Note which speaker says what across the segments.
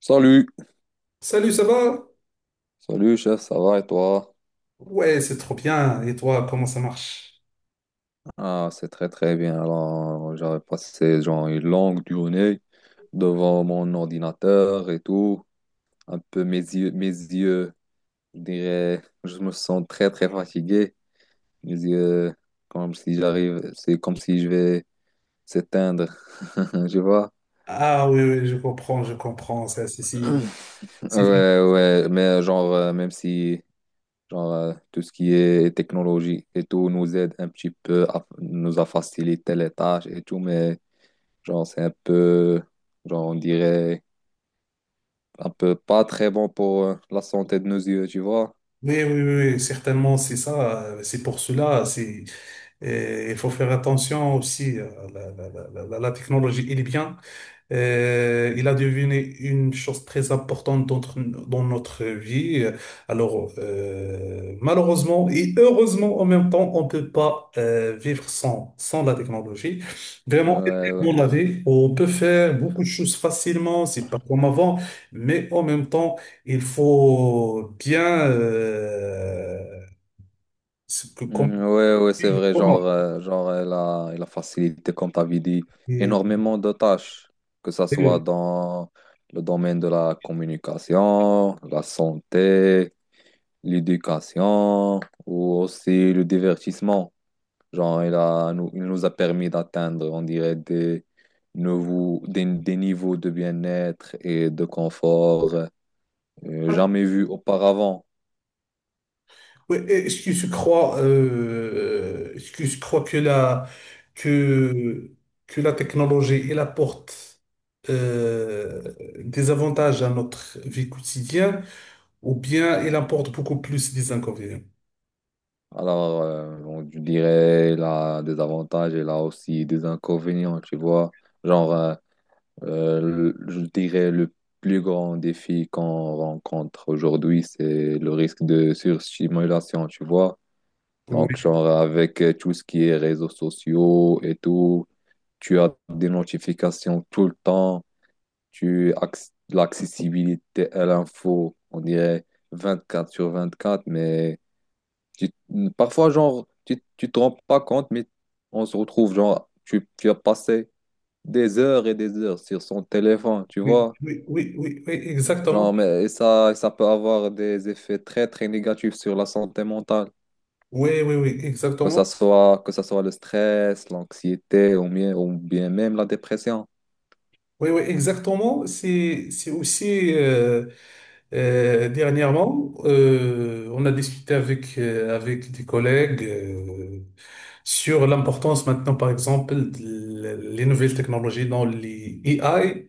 Speaker 1: Salut,
Speaker 2: Salut, ça va?
Speaker 1: salut chef, ça va et toi?
Speaker 2: Ouais, c'est trop bien. Et toi, comment ça marche?
Speaker 1: Ah, c'est très très bien. Alors, j'avais passé genre une longue journée devant mon ordinateur et tout. Un peu mes yeux, je dirais, je me sens très très fatigué. Mes yeux, comme si j'arrive, c'est comme si je vais s'éteindre, je vois.
Speaker 2: Ah oui, oui, je comprends, je comprends. Ça,
Speaker 1: Ouais,
Speaker 2: c'est-
Speaker 1: ouais, mais genre, même si genre, tout ce qui est technologie et tout nous aide un petit peu, nous a facilité les tâches et tout, mais genre, c'est un peu, genre, on dirait, un peu pas très bon pour la santé de nos yeux, tu vois.
Speaker 2: Oui, oui, oui, oui, certainement, c'est ça. C'est pour cela. C'est, et il faut faire attention aussi. La technologie, elle est bien. Il a devenu une chose très importante dans dans notre vie. Alors, malheureusement et heureusement en même temps, on ne peut pas vivre sans la technologie. Vraiment, elle
Speaker 1: Ouais,
Speaker 2: est
Speaker 1: ouais,
Speaker 2: dans la vie, on peut faire beaucoup de choses facilement, c'est pas comme avant, mais en même temps, il faut bien ce que comme
Speaker 1: mm, ouais, ouais, c'est vrai, genre, genre, elle a facilité, comme t'avais dit,
Speaker 2: et-
Speaker 1: énormément de tâches, que ça soit
Speaker 2: et-
Speaker 1: dans le domaine de la communication, la santé, l'éducation, ou aussi le divertissement. Genre, il nous a permis d'atteindre, on dirait, des, nouveaux, des niveaux de bien-être et de confort jamais vus auparavant.
Speaker 2: Oui, est-ce que je crois que, que la technologie, elle apporte euh, des avantages à notre vie quotidienne ou bien elle apporte beaucoup plus des inconvénients?
Speaker 1: Alors, on je dirais, il a des avantages, il a aussi des inconvénients, tu vois. Genre, je dirais, le plus grand défi qu'on rencontre aujourd'hui, c'est le risque de surstimulation, tu vois. Donc,
Speaker 2: Oui,
Speaker 1: genre, avec tout ce qui est réseaux sociaux et tout. Tu as des notifications tout le temps. L'accessibilité à l'info, on dirait 24 sur 24, mais tu- parfois, genre, tu te rends pas compte, mais on se retrouve, genre, tu as passé des heures et des heures sur son téléphone, tu
Speaker 2: oui,
Speaker 1: vois.
Speaker 2: oui, oui, oui, oui, exactement.
Speaker 1: Genre, mais et ça peut avoir des effets très, très négatifs sur la santé mentale.
Speaker 2: Oui, oui, oui, exactement.
Speaker 1: Que ça soit le stress, l'anxiété ou bien même la dépression.
Speaker 2: Oui, oui, exactement. C'est aussi dernièrement, on a discuté avec, avec des collègues sur l'importance maintenant, par exemple, de les nouvelles technologies dans les AI,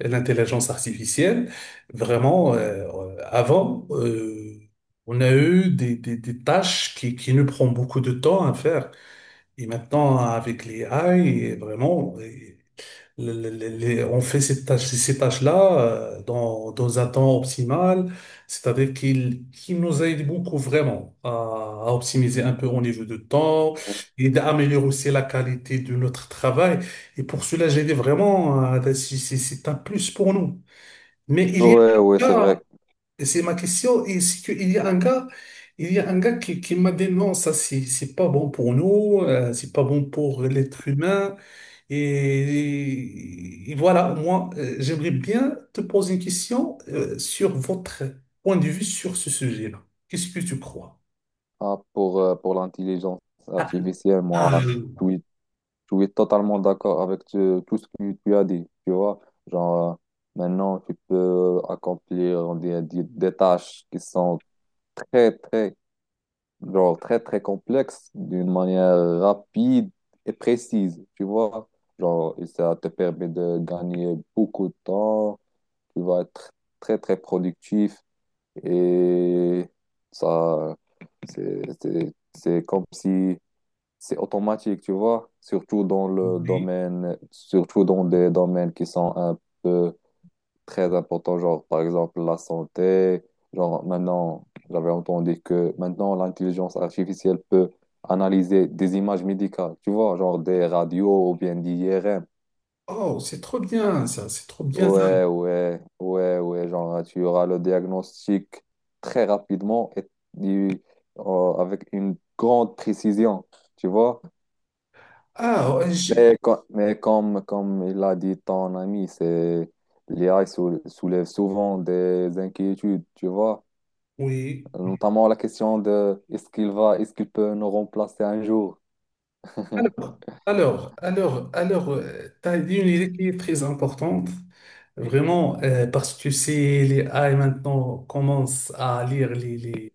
Speaker 2: l'intelligence artificielle. Vraiment, avant, on a eu des tâches qui nous prennent beaucoup de temps à faire. Et maintenant, avec les AI, vraiment, on fait ces tâches, ces tâches-là dans un temps optimal, c'est-à-dire qu'il nous aide beaucoup vraiment à optimiser un peu au niveau de temps et d'améliorer aussi la qualité de notre travail. Et pour cela, j'ai dit vraiment, c'est un plus pour nous. Mais il y
Speaker 1: Ouais, ouais, c'est vrai.
Speaker 2: a et c'est ma question. Et c'est qu'il y a un gars, il y a un gars qui m'a dit non, ça c'est pas bon pour nous, c'est pas bon pour l'être humain. Et voilà, moi, j'aimerais bien te poser une question sur votre point de vue sur ce sujet-là. Qu'est-ce que tu crois?
Speaker 1: Ah, pour l'intelligence
Speaker 2: Ah,
Speaker 1: artificielle,
Speaker 2: ah,
Speaker 1: moi, je suis je suis totalement d'accord avec tout ce que tu as dit. Tu vois, genre, maintenant, tu peux accomplir des tâches qui sont très, très, genre, très, très complexes d'une manière rapide et précise. Tu vois, genre, et ça te permet de gagner beaucoup de temps. Tu vas être très, très productif et ça, c'est comme si c'est automatique, tu vois,
Speaker 2: oui.
Speaker 1: surtout dans des domaines qui sont un peu très importants, genre par exemple la santé, genre maintenant, j'avais entendu que maintenant l'intelligence artificielle peut analyser des images médicales, tu vois, genre des radios ou bien des IRM.
Speaker 2: Oh, c'est trop bien ça, c'est trop bien ça.
Speaker 1: Ouais, ouais, ouais, ouais, genre tu auras le diagnostic très rapidement et du- avec une grande précision, tu vois.
Speaker 2: Ah, ouais,
Speaker 1: Mais comme il a dit ton ami, c'est l'IA soulève souvent des inquiétudes, tu vois,
Speaker 2: oui.
Speaker 1: notamment la question de est-ce qu'il peut nous remplacer un jour?
Speaker 2: Alors, alors, tu as dit une idée qui est très importante, vraiment, parce que si les A AI maintenant commencent à lire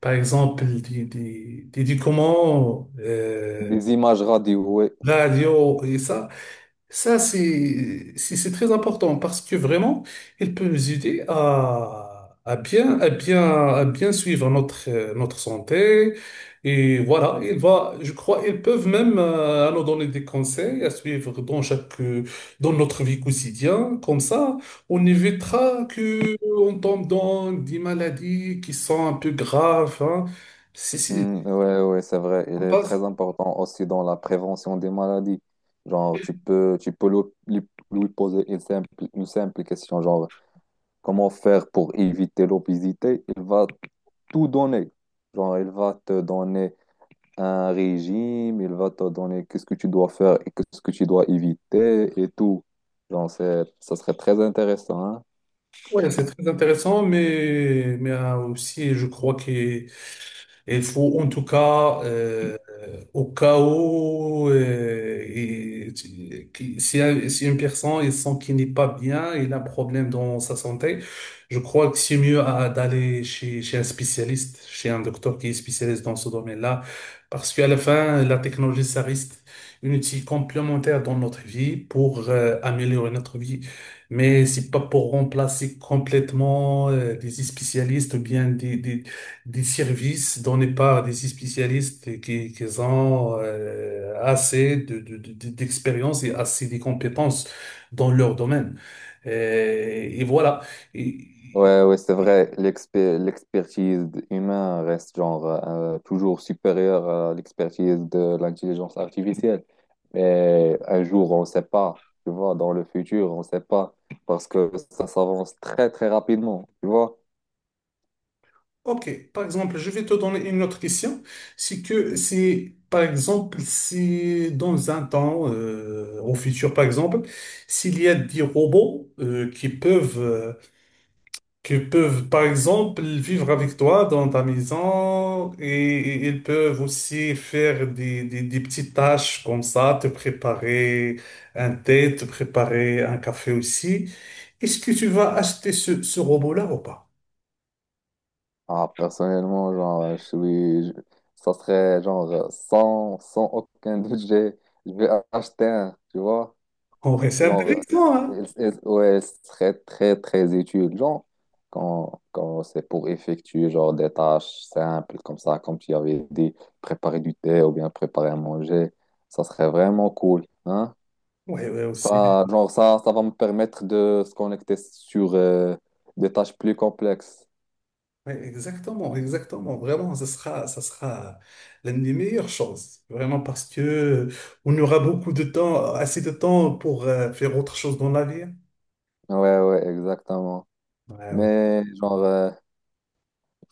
Speaker 2: par exemple, des documents,
Speaker 1: Des images radio, oui.
Speaker 2: radio et ça, c'est très important parce que vraiment, il peut nous aider à, à bien suivre notre notre santé et voilà, il va, je crois, ils peuvent même nous donner des conseils à suivre dans chaque dans notre vie quotidienne. Comme ça, on évitera que on tombe dans des maladies qui sont un peu graves, hein. C'est c'est-
Speaker 1: Mm, ouais, ouais, c'est vrai. Il
Speaker 2: on
Speaker 1: est
Speaker 2: passe-
Speaker 1: très important aussi dans la prévention des maladies. Genre, tu peux lui poser une simple question, genre, comment faire pour éviter l'obésité? Il va tout donner. Genre, il va te donner un régime, il va te donner qu'est-ce que tu dois faire et qu'est-ce que tu dois éviter et tout. Genre, c'est, ça serait très intéressant, hein.
Speaker 2: Ouais, c'est très intéressant, mais aussi, je crois que il faut en tout cas, au cas où si une personne il sent qu'il n'est pas bien, il a un problème dans sa santé, je crois que c'est mieux d'aller chez, chez un spécialiste, chez un docteur qui est spécialiste dans ce domaine-là, parce qu'à la fin, la technologie, ça reste une outil complémentaire dans notre vie pour améliorer notre vie. Mais c'est pas pour remplacer complètement des spécialistes ou bien des services donnés par des spécialistes qui ont assez de, d'expérience et assez de compétences dans leur domaine. Et voilà. Et-
Speaker 1: Ouais, ouais, c'est vrai, l'expertise humaine reste genre toujours supérieure à l'expertise de l'intelligence artificielle. Mais un jour, on ne sait pas, tu vois, dans le futur, on ne sait pas, parce que ça s'avance très, très rapidement, tu vois.
Speaker 2: OK, par exemple, je vais te donner une autre question. C'est, par exemple, si dans un temps, au futur, par exemple, s'il y a des robots qui peuvent, par exemple, vivre avec toi dans ta maison et ils peuvent aussi faire des petites tâches comme ça, te préparer un thé, te préparer un café aussi. Est-ce que tu vas acheter ce robot-là ou pas?
Speaker 1: Ah, personnellement, genre, ça serait genre sans aucun budget je vais acheter un, tu vois.
Speaker 2: Ouais, c'est
Speaker 1: Genre,
Speaker 2: intéressant, hein?
Speaker 1: ouais, ce serait très, très utile. Genre, quand c'est pour effectuer genre des tâches simples comme ça, comme tu avais dit, préparer du thé ou bien préparer à manger, ça serait vraiment cool, hein.
Speaker 2: Ouais, ouais, aussi.
Speaker 1: Ça, genre, ça va me permettre de se connecter sur des tâches plus complexes.
Speaker 2: Ouais, exactement, exactement. Vraiment, ça sera l'une des meilleures choses. Vraiment, parce que on aura beaucoup de temps, assez de temps pour faire autre chose dans la vie, hein.
Speaker 1: Ouais, ouais, exactement.
Speaker 2: Ouais, ouais.
Speaker 1: Mais genre,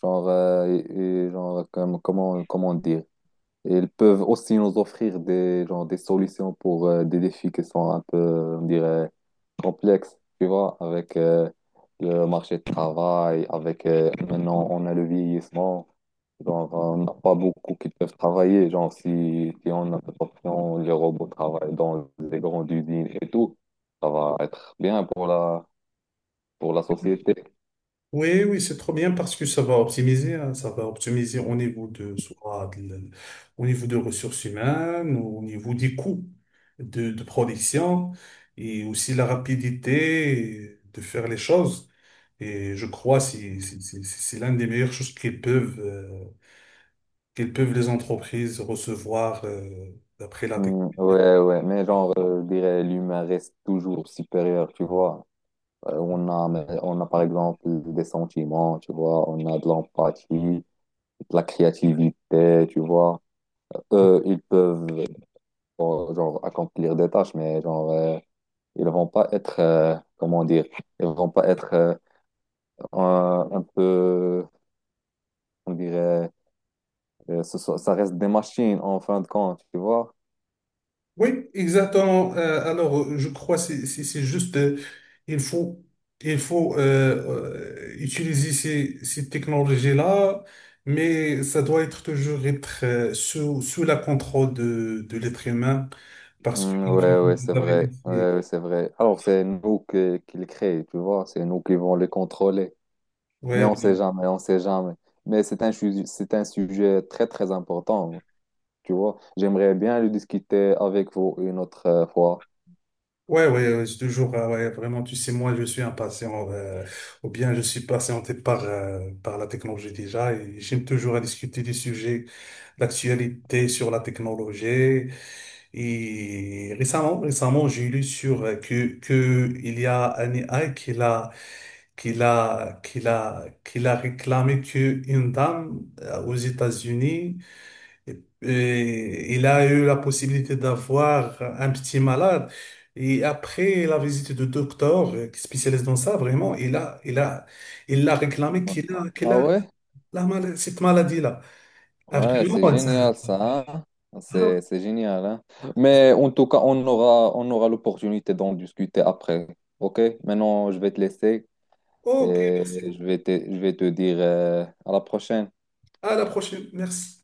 Speaker 1: genre, et genre comment dire, ils peuvent aussi nous offrir des, genre, des solutions pour des défis qui sont un peu, on dirait, complexes, tu vois, avec le marché de travail, avec maintenant on a le vieillissement, genre on n'a pas beaucoup qui peuvent travailler, genre si on a cette option, les robots travaillent dans des grandes usines et tout, ça va être bien pour la société.
Speaker 2: Oui, oui, c'est trop bien parce que ça va optimiser, hein, ça va optimiser au niveau de ressources humaines, au niveau des coûts de production et aussi la rapidité de faire les choses. Et je crois que c'est l'un des meilleures choses qu'ils peuvent les entreprises recevoir, d'après la technologie.
Speaker 1: Hmm, ouais, ouais, mais genre, je dirais, l'humain reste toujours supérieur, tu vois. On a par exemple des sentiments, tu vois, on a de l'empathie, de la créativité, tu vois. Eux, ils peuvent, bon, genre, accomplir des tâches, mais genre, ils vont pas être, comment dire, ils vont pas être un peu, on dirait, ça reste des machines en fin de compte, tu vois.
Speaker 2: Oui, exactement. Alors, je crois que c'est juste, il faut, il faut utiliser ces technologies-là, mais ça doit être toujours être sous la contrôle de l'être humain, parce que
Speaker 1: Mm, ouais, ouais, c'est
Speaker 2: vous avez
Speaker 1: vrai.
Speaker 2: dit,
Speaker 1: Ouais, ouais, c'est vrai. Alors, c'est nous qui les créons, tu vois. C'est nous qui vont les contrôler. Mais
Speaker 2: ouais,
Speaker 1: on sait jamais, on sait jamais. Mais c'est un sujet très, très important, tu vois. J'aimerais bien le discuter avec vous une autre fois.
Speaker 2: ouais, ouais, ouais, c'est toujours, ouais, vraiment, tu sais, moi, je suis impatient, ou bien je suis patienté par, par la technologie déjà, et j'aime toujours à discuter des sujets d'actualité sur la technologie. Et récemment, j'ai lu sur que il y a un AI qui l'a réclamé que une dame aux États-Unis et il a eu la possibilité d'avoir un petit malade et après la visite du docteur qui spécialise dans ça vraiment il a il l'a réclamé
Speaker 1: Ouais.
Speaker 2: qu'il
Speaker 1: Ah
Speaker 2: a
Speaker 1: ouais?
Speaker 2: cette maladie-là. Ah,
Speaker 1: Ouais, c'est
Speaker 2: vraiment ça.
Speaker 1: génial ça, hein. C'est génial, hein. Mais en tout cas, on aura l'opportunité d'en discuter après. OK? Maintenant, je vais te laisser
Speaker 2: OK,
Speaker 1: et
Speaker 2: merci beaucoup.
Speaker 1: je vais te dire à la prochaine.
Speaker 2: À la prochaine. Merci.